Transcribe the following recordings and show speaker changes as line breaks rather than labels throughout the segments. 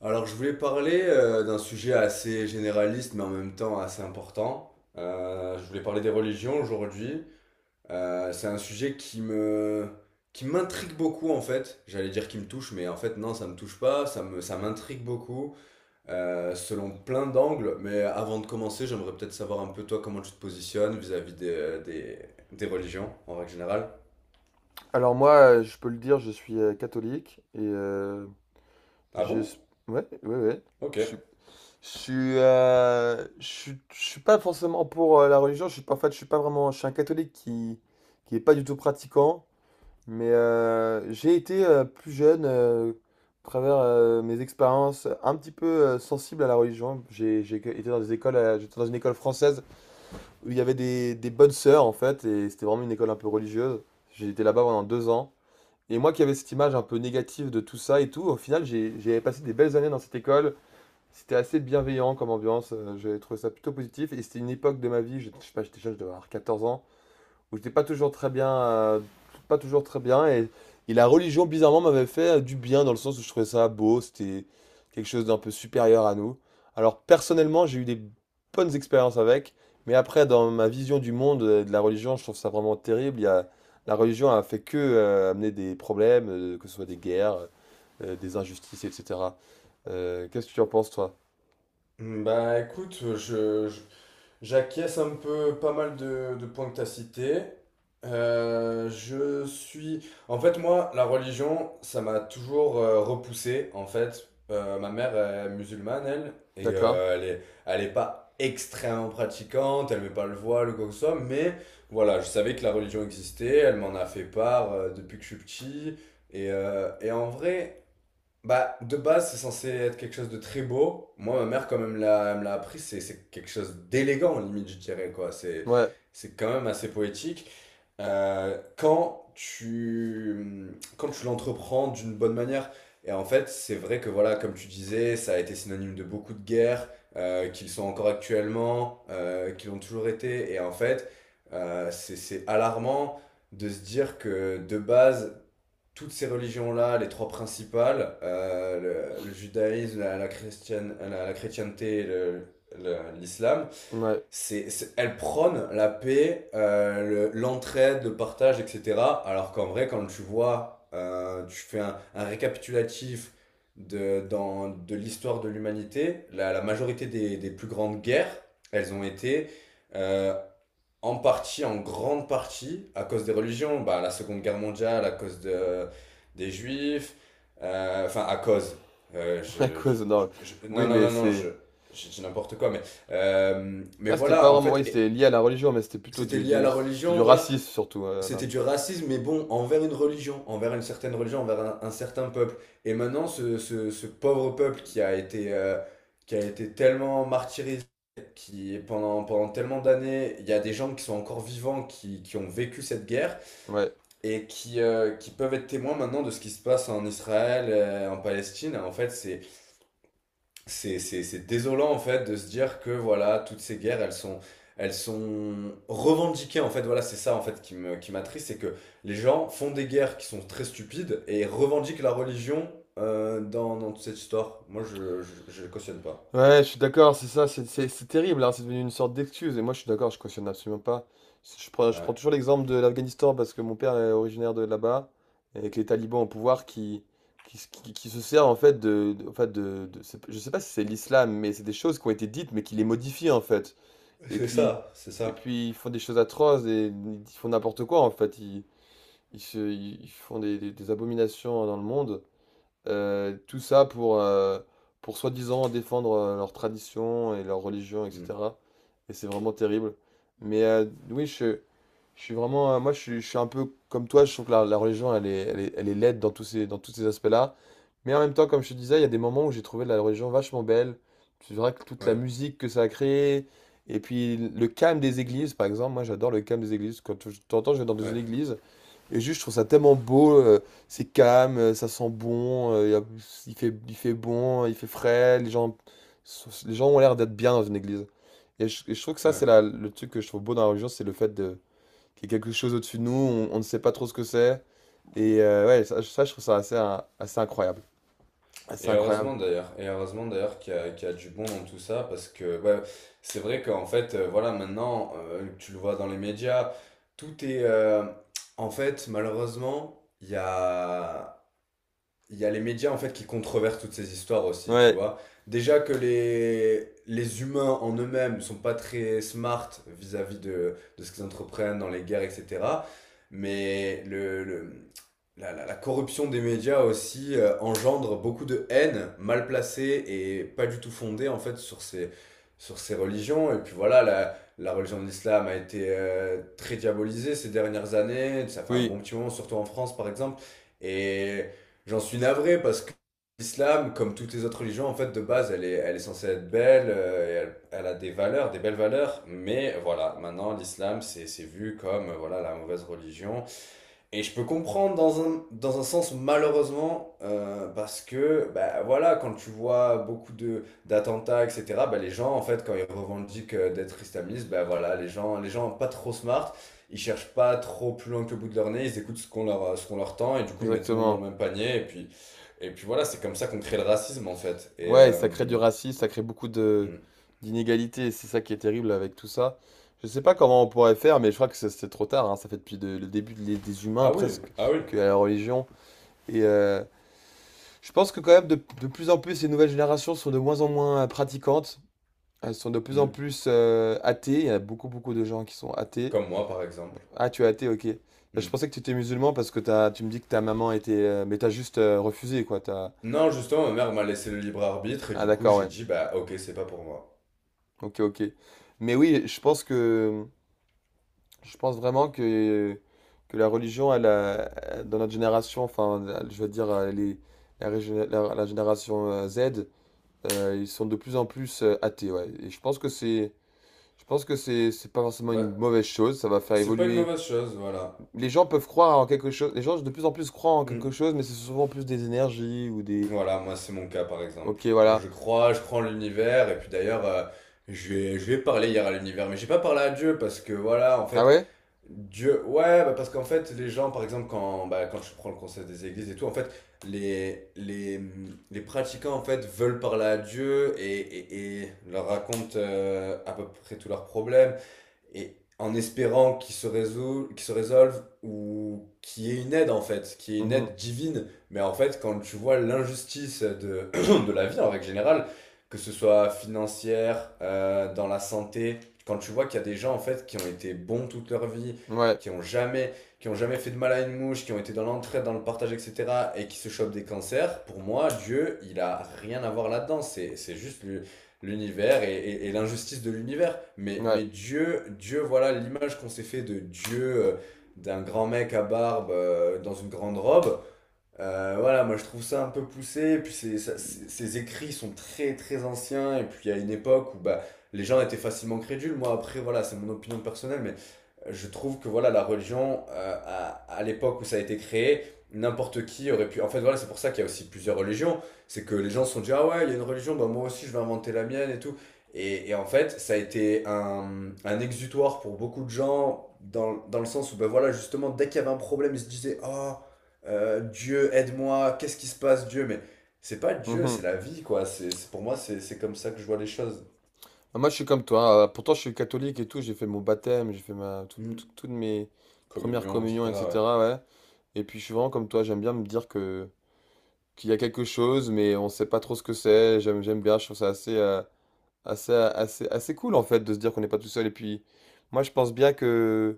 Alors, je voulais parler d'un sujet assez généraliste, mais en même temps assez important. Je voulais parler des religions aujourd'hui. C'est un sujet qui m'intrigue beaucoup en fait. J'allais dire qui me touche, mais en fait non, ça me touche pas. Ça m'intrigue beaucoup, selon plein d'angles. Mais avant de commencer, j'aimerais peut-être savoir un peu toi comment tu te positionnes vis-à-vis des religions en règle générale.
Alors moi, je peux le dire, je suis catholique et
Ah
j'ai...
bon?
ouais, ouais, ouais.
Ok.
Je suis, je suis pas forcément pour la religion. Je suis pas, En fait, je suis pas vraiment. Je suis un catholique qui est pas du tout pratiquant. Mais j'ai été plus jeune, à travers mes expériences, un petit peu sensible à la religion. J'ai été dans des écoles, j'étais dans une école française où il y avait des bonnes sœurs en fait, et c'était vraiment une école un peu religieuse. J'ai été là-bas pendant 2 ans. Et moi qui avais cette image un peu négative de tout ça et tout, au final, j'ai passé des belles années dans cette école. C'était assez bienveillant comme ambiance. J'ai trouvé ça plutôt positif. Et c'était une époque de ma vie, je sais pas, j'étais jeune, je devais avoir 14 ans où j'étais pas toujours très bien, pas toujours très bien, et la religion bizarrement m'avait fait du bien dans le sens où je trouvais ça beau, c'était quelque chose d'un peu supérieur à nous. Alors personnellement, j'ai eu des bonnes expériences avec, mais après dans ma vision du monde de la religion, je trouve ça vraiment terrible. La religion a fait que amener des problèmes, que ce soit des guerres, des injustices, etc. Qu'est-ce que tu en penses toi?
Bah écoute, j'acquiesce un peu pas mal de points que tu as cités. Je suis. En fait, moi, la religion, ça m'a toujours repoussé. En fait, ma mère est musulmane, elle, et
D'accord?
elle est pas extrêmement pratiquante, elle met pas le voile ou quoi que ce soit, mais voilà, je savais que la religion existait, elle m'en a fait part depuis que je suis petit. Et en vrai, bah, de base, c'est censé être quelque chose de très beau. Moi, ma mère, quand même, elle me l'a appris. C'est quelque chose d'élégant, limite, je dirais, quoi. C'est,
Ouais,
c'est quand même assez poétique. Euh, quand tu, quand tu l'entreprends d'une bonne manière. Et en fait, c'est vrai que, voilà, comme tu disais, ça a été synonyme de beaucoup de guerres, qu'ils sont encore actuellement, qu'ils l'ont toujours été. Et en fait, c'est alarmant de se dire que, de base, toutes ces religions-là, les trois principales, judaïsme, chrétienne, la chrétienté, et l'islam,
ouais.
elle prône la paix, l'entraide, le partage, etc. Alors qu'en vrai, quand tu vois, tu fais récapitulatif de l'histoire de l'humanité, la majorité plus grandes guerres, elles ont été euh, en partie, en grande partie, à cause des religions, bah, la Seconde Guerre mondiale, à cause des Juifs, enfin à cause, euh,
À
je, je-
cause,
je-
non,
non,
oui,
non,
mais
non, non,
c'est...
je dis n'importe quoi, mais
Là, c'était pas
voilà, en
vraiment,
fait,
oui, c'était lié à la religion, mais c'était plutôt
c'était lié à la
c'était du
religion, voilà.
racisme surtout, là.
C'était du racisme, mais bon, envers une religion, envers une certaine religion, envers un certain peuple. Et maintenant, ce pauvre peuple qui a été, qui a été tellement martyrisé, qui pendant tellement d'années, il y a des gens qui sont encore vivants, qui ont vécu cette guerre,
Ouais.
et qui peuvent être témoins maintenant de ce qui se passe en Israël, en Palestine. En fait, c'est désolant en fait de se dire que voilà, toutes ces guerres, elles sont revendiquées en fait. Voilà, c'est ça en fait qui m'attriste, c'est que les gens font des guerres qui sont très stupides et revendiquent la religion dans toute cette histoire. Moi, je cautionne pas.
Ouais, je suis d'accord, c'est ça, c'est terrible, hein, c'est devenu une sorte d'excuse, et moi je suis d'accord, je cautionne absolument pas. Je prends
Ouais.
toujours l'exemple de l'Afghanistan parce que mon père est originaire de là-bas, et avec les talibans au pouvoir qui se servent en fait de, je sais pas si c'est l'islam, mais c'est des choses qui ont été dites, mais qui les modifient en fait. Et
C'est
puis,
ça, c'est
et
ça.
puis ils font des choses atroces, et ils font n'importe quoi en fait. Ils se, ils ils font des abominations hein, dans le monde. Tout ça pour soi-disant défendre leur tradition et leur religion,
Mm.
etc. Et c'est vraiment terrible. Mais oui, je suis vraiment. Moi, je suis un peu comme toi. Je trouve que la religion, elle est laide dans dans tous ces aspects-là. Mais en même temps, comme je te disais, il y a des moments où j'ai trouvé la religion vachement belle. C'est vrai que toute la
Ouais,
musique que ça a créée. Et puis le calme des églises, par exemple, moi j'adore le calme des églises. De temps en temps, je vais dans une
ouais,
église, et juste, je trouve ça tellement beau, c'est calme, ça sent bon, y a- il fait bon, il fait frais, les gens ont l'air d'être bien dans une église. Et je trouve que ça,
ouais.
c'est le truc que je trouve beau dans la religion, c'est le fait de, qu'il y a quelque chose au-dessus de nous, on ne sait pas trop ce que c'est. Et ouais, ça, je trouve ça assez, hein, assez incroyable. Assez
Et
incroyable.
heureusement d'ailleurs, et heureusement d'ailleurs qu'il y a du bon dans tout ça, parce que ouais, c'est vrai qu'en fait, voilà, maintenant, tu le vois dans les médias. tout est... euh, En fait, malheureusement, il y a les médias en fait qui controversent toutes ces histoires aussi, tu
Ouais,
vois. Déjà que les humains en eux-mêmes sont pas très smart vis-à-vis de ce qu'ils entreprennent dans les guerres, etc. Mais la corruption des médias aussi engendre beaucoup de haine mal placée et pas du tout fondée en fait sur ces religions. Et puis voilà, la religion de l'islam a été très diabolisée ces dernières années. Ça fait un
oui,
bon petit moment, surtout en France par exemple. Et j'en suis navré parce que l'islam, comme toutes les autres religions, en fait, de base, elle est censée être belle, et elle a des valeurs, des belles valeurs, mais voilà, maintenant, l'islam, c'est vu comme voilà, la mauvaise religion, et je peux comprendre dans un sens malheureusement, parce que bah, voilà, quand tu vois beaucoup de d'attentats, etc., bah, les gens en fait quand ils revendiquent d'être islamistes, bah, voilà, les gens pas trop smart, ils cherchent pas trop plus loin que le bout de leur nez, ils écoutent ce qu'on leur tend, et du coup ils mettent tout le monde dans le
exactement.
même panier, et puis voilà, c'est comme ça qu'on crée le racisme en fait.
Ouais, et ça crée du racisme, ça crée beaucoup de
Hmm.
d'inégalités, et c'est ça qui est terrible avec tout ça. Je sais pas comment on pourrait faire, mais je crois que c'est trop tard, hein. Ça fait depuis le début des humains
Ah oui,
presque
ah oui.
que la religion. Et je pense que quand même de plus en plus les nouvelles générations sont de moins en moins pratiquantes, elles sont de plus en
Hmm.
plus athées. Il y a beaucoup beaucoup de gens qui sont athées.
Comme moi par exemple.
Ah, tu es athée, ok. Bah, je
Hmm.
pensais que tu étais musulman parce que tu me dis que ta maman était, mais t'as juste refusé quoi.
Non, justement, ma mère m'a laissé le libre arbitre, et
Ah
du coup
d'accord,
j'ai
ouais.
dit, bah, ok, c'est pas pour moi.
Ok, ok. Mais oui, je pense vraiment que la religion, dans notre génération, enfin, je veux dire, les, la, régé- la- la génération Z, ils sont de plus en plus athées, ouais. Et je pense que c'est, je pense que c'est pas forcément une
Bah,
mauvaise chose. Ça va faire
c'est pas une
évoluer.
mauvaise chose, voilà.
Les gens peuvent croire en quelque chose. Les gens de plus en plus croient en quelque
Mm.
chose, mais c'est souvent plus des énergies ou des...
Voilà, moi c'est mon cas par exemple.
Ok,
Moi
voilà.
je crois en l'univers, et puis d'ailleurs, je vais parler hier à l'univers, mais j'ai pas parlé à Dieu parce que voilà, en
Ah
fait,
ouais?
Dieu, ouais, bah parce qu'en fait, les gens, par exemple, bah, quand je prends le concept des églises et tout, en fait, les, les, les pratiquants, en fait, veulent parler à Dieu, et et leur racontent à peu près tous leurs problèmes, et en espérant qu'ils se résolvent ou qu'il y ait une aide, en fait, qu'il y ait une
Mhm.
aide divine. Mais en fait, quand tu vois l'injustice de la vie en règle générale, que ce soit financière, dans la santé, quand tu vois qu'il y a des gens en fait qui ont été bons toute leur vie,
Ouais.
qui ont jamais, qui ont jamais fait de mal à une mouche, qui ont été dans l'entraide, dans le partage, etc., et qui se chopent des cancers, pour moi, Dieu, il a rien à voir là-dedans. C'est juste l'univers, et l'injustice de l'univers. Mais,
Ouais.
mais Dieu, Dieu, voilà l'image qu'on s'est fait de Dieu, d'un grand mec à barbe dans une grande robe. Voilà, moi je trouve ça un peu poussé, et puis ces écrits sont très très anciens, et puis à une époque où bah, les gens étaient facilement crédules. Moi après, voilà, c'est mon opinion personnelle, mais je trouve que voilà, la religion, à l'époque où ça a été créé, n'importe qui aurait pu. En fait, voilà, c'est pour ça qu'il y a aussi plusieurs religions, c'est que les gens se sont dit, ah ouais, il y a une religion, bah moi aussi je vais inventer la mienne et tout. Et en fait, ça a été un exutoire pour beaucoup de gens, dans le sens où, bah voilà, justement, dès qu'il y avait un problème, ils se disaient, ah, Dieu, aide-moi, qu'est-ce qui se passe, Dieu? Mais c'est pas Dieu, c'est
Mhm.
la vie, quoi. Pour moi, c'est comme ça que je vois les choses.
Ah, moi, je suis comme toi. Pourtant, je suis catholique et tout. J'ai fait mon baptême, j'ai fait ma, tout- tout-
Mm.
toutes mes premières
Communion,
communions,
etc.
etc. Ouais. Et puis, je suis vraiment comme toi. J'aime bien me dire que qu'il y a quelque chose, mais on sait pas trop ce que c'est. J'aime bien. Je trouve ça assez, assez, assez, assez cool en fait de se dire qu'on n'est pas tout seul. Et puis, moi,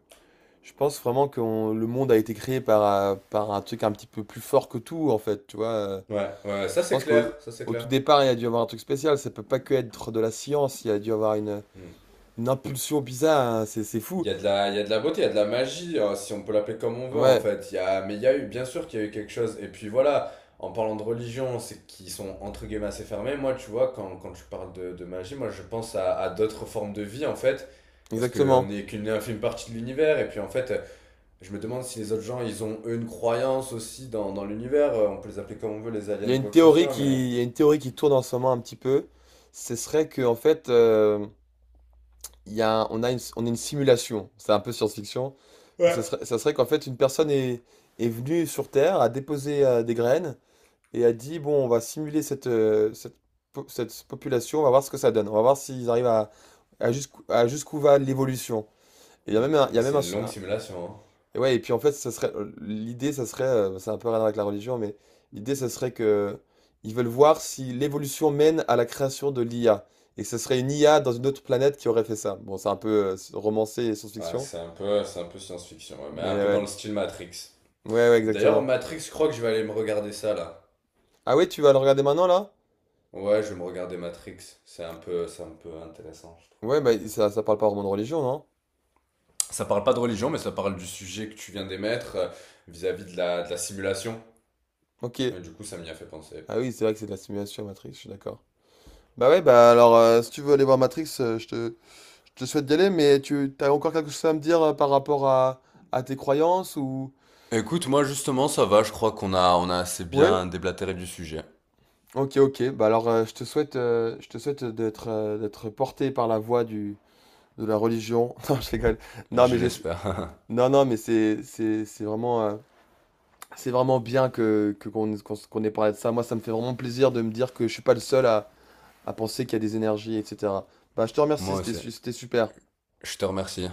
je pense vraiment que le monde a été créé par un truc un petit peu plus fort que tout en fait. Tu vois.
Ouais, ouais, ouais, ouais, ça
Je
c'est
pense qu'au
clair, ça c'est
au tout
clair.
départ, il y a dû y avoir un truc spécial. Ça peut pas que être de la science. Il y a dû y avoir
Mm.
une impulsion bizarre, hein, c'est
Il
fou.
y a de la, il y a de la beauté, il y a de la magie, hein, si on peut l'appeler comme on veut, en
Ouais,
fait. Mais il y a eu, bien sûr qu'il y a eu quelque chose. Et puis voilà, en parlant de religion, c'est qu'ils sont entre guillemets assez fermés. Moi, tu vois, quand tu parles de magie, moi je pense à d'autres formes de vie, en fait. Parce qu'on
exactement.
n'est qu'une infime partie de l'univers, et puis en fait, je me demande si les autres gens, ils ont eux une croyance aussi dans l'univers. On peut les appeler comme on veut, les
Il
aliens
y a
ou
une
quoi que ce
théorie
soit, mais.
qui, il y a une théorie qui tourne en ce moment un petit peu. Ce serait que en fait, il y a, un- on est une simulation. C'est un peu science-fiction.
Ouais.
Ça serait qu'en fait, une personne est venue sur Terre, a déposé des graines et a dit, bon, on va simuler cette population, on va voir ce que ça donne. On va voir s'ils arrivent à jusqu'où va l'évolution. Et il y a
Hmm.
même un, il y
Ouais,
a même
c'est
un...
une longue simulation, hein.
Et ouais, et puis en fait, ça serait l'idée, ça serait, c'est un peu rien à voir avec la religion, mais l'idée, ça serait que ils veulent voir si l'évolution mène à la création de l'IA, et que ce serait une IA dans une autre planète qui aurait fait ça. Bon, c'est un peu romancé et
Ouais,
science-fiction,
c'est un peu science-fiction, ouais, mais un
mais
peu dans le
ouais,
style Matrix.
ouais, ouais,
D'ailleurs,
exactement.
Matrix, je crois que je vais aller me regarder ça là.
Ah ouais, tu vas le regarder maintenant là?
Ouais, je vais me regarder Matrix. C'est un peu intéressant, je trouve,
Ouais, bah
comme film.
ça parle pas vraiment de religion, non?
Ça parle pas de religion, mais ça parle du sujet que tu viens d'émettre, vis-à-vis de la simulation.
Ok.
Et du coup, ça m'y a fait penser.
Ah oui, c'est vrai que c'est de la simulation Matrix, je suis d'accord. Bah ouais, bah alors, si tu veux aller voir Matrix, je te souhaite d'y aller, mais tu as encore quelque chose à me dire par rapport à tes croyances ou...
Écoute, moi justement, ça va. Je crois qu'on a assez
Ouais,
bien déblatéré du sujet.
ok, ok. Bah alors, je te souhaite d'être porté par la voie de la religion. Non, je rigole. Non,
Je
mais j'essa-
l'espère.
non, non, mais c'est vraiment bien qu'on ait parlé de ça. Moi, ça me fait vraiment plaisir de me dire que je suis pas le seul à penser qu'il y a des énergies, etc. Bah, je te remercie,
Moi aussi.
c'était super.
Je te remercie.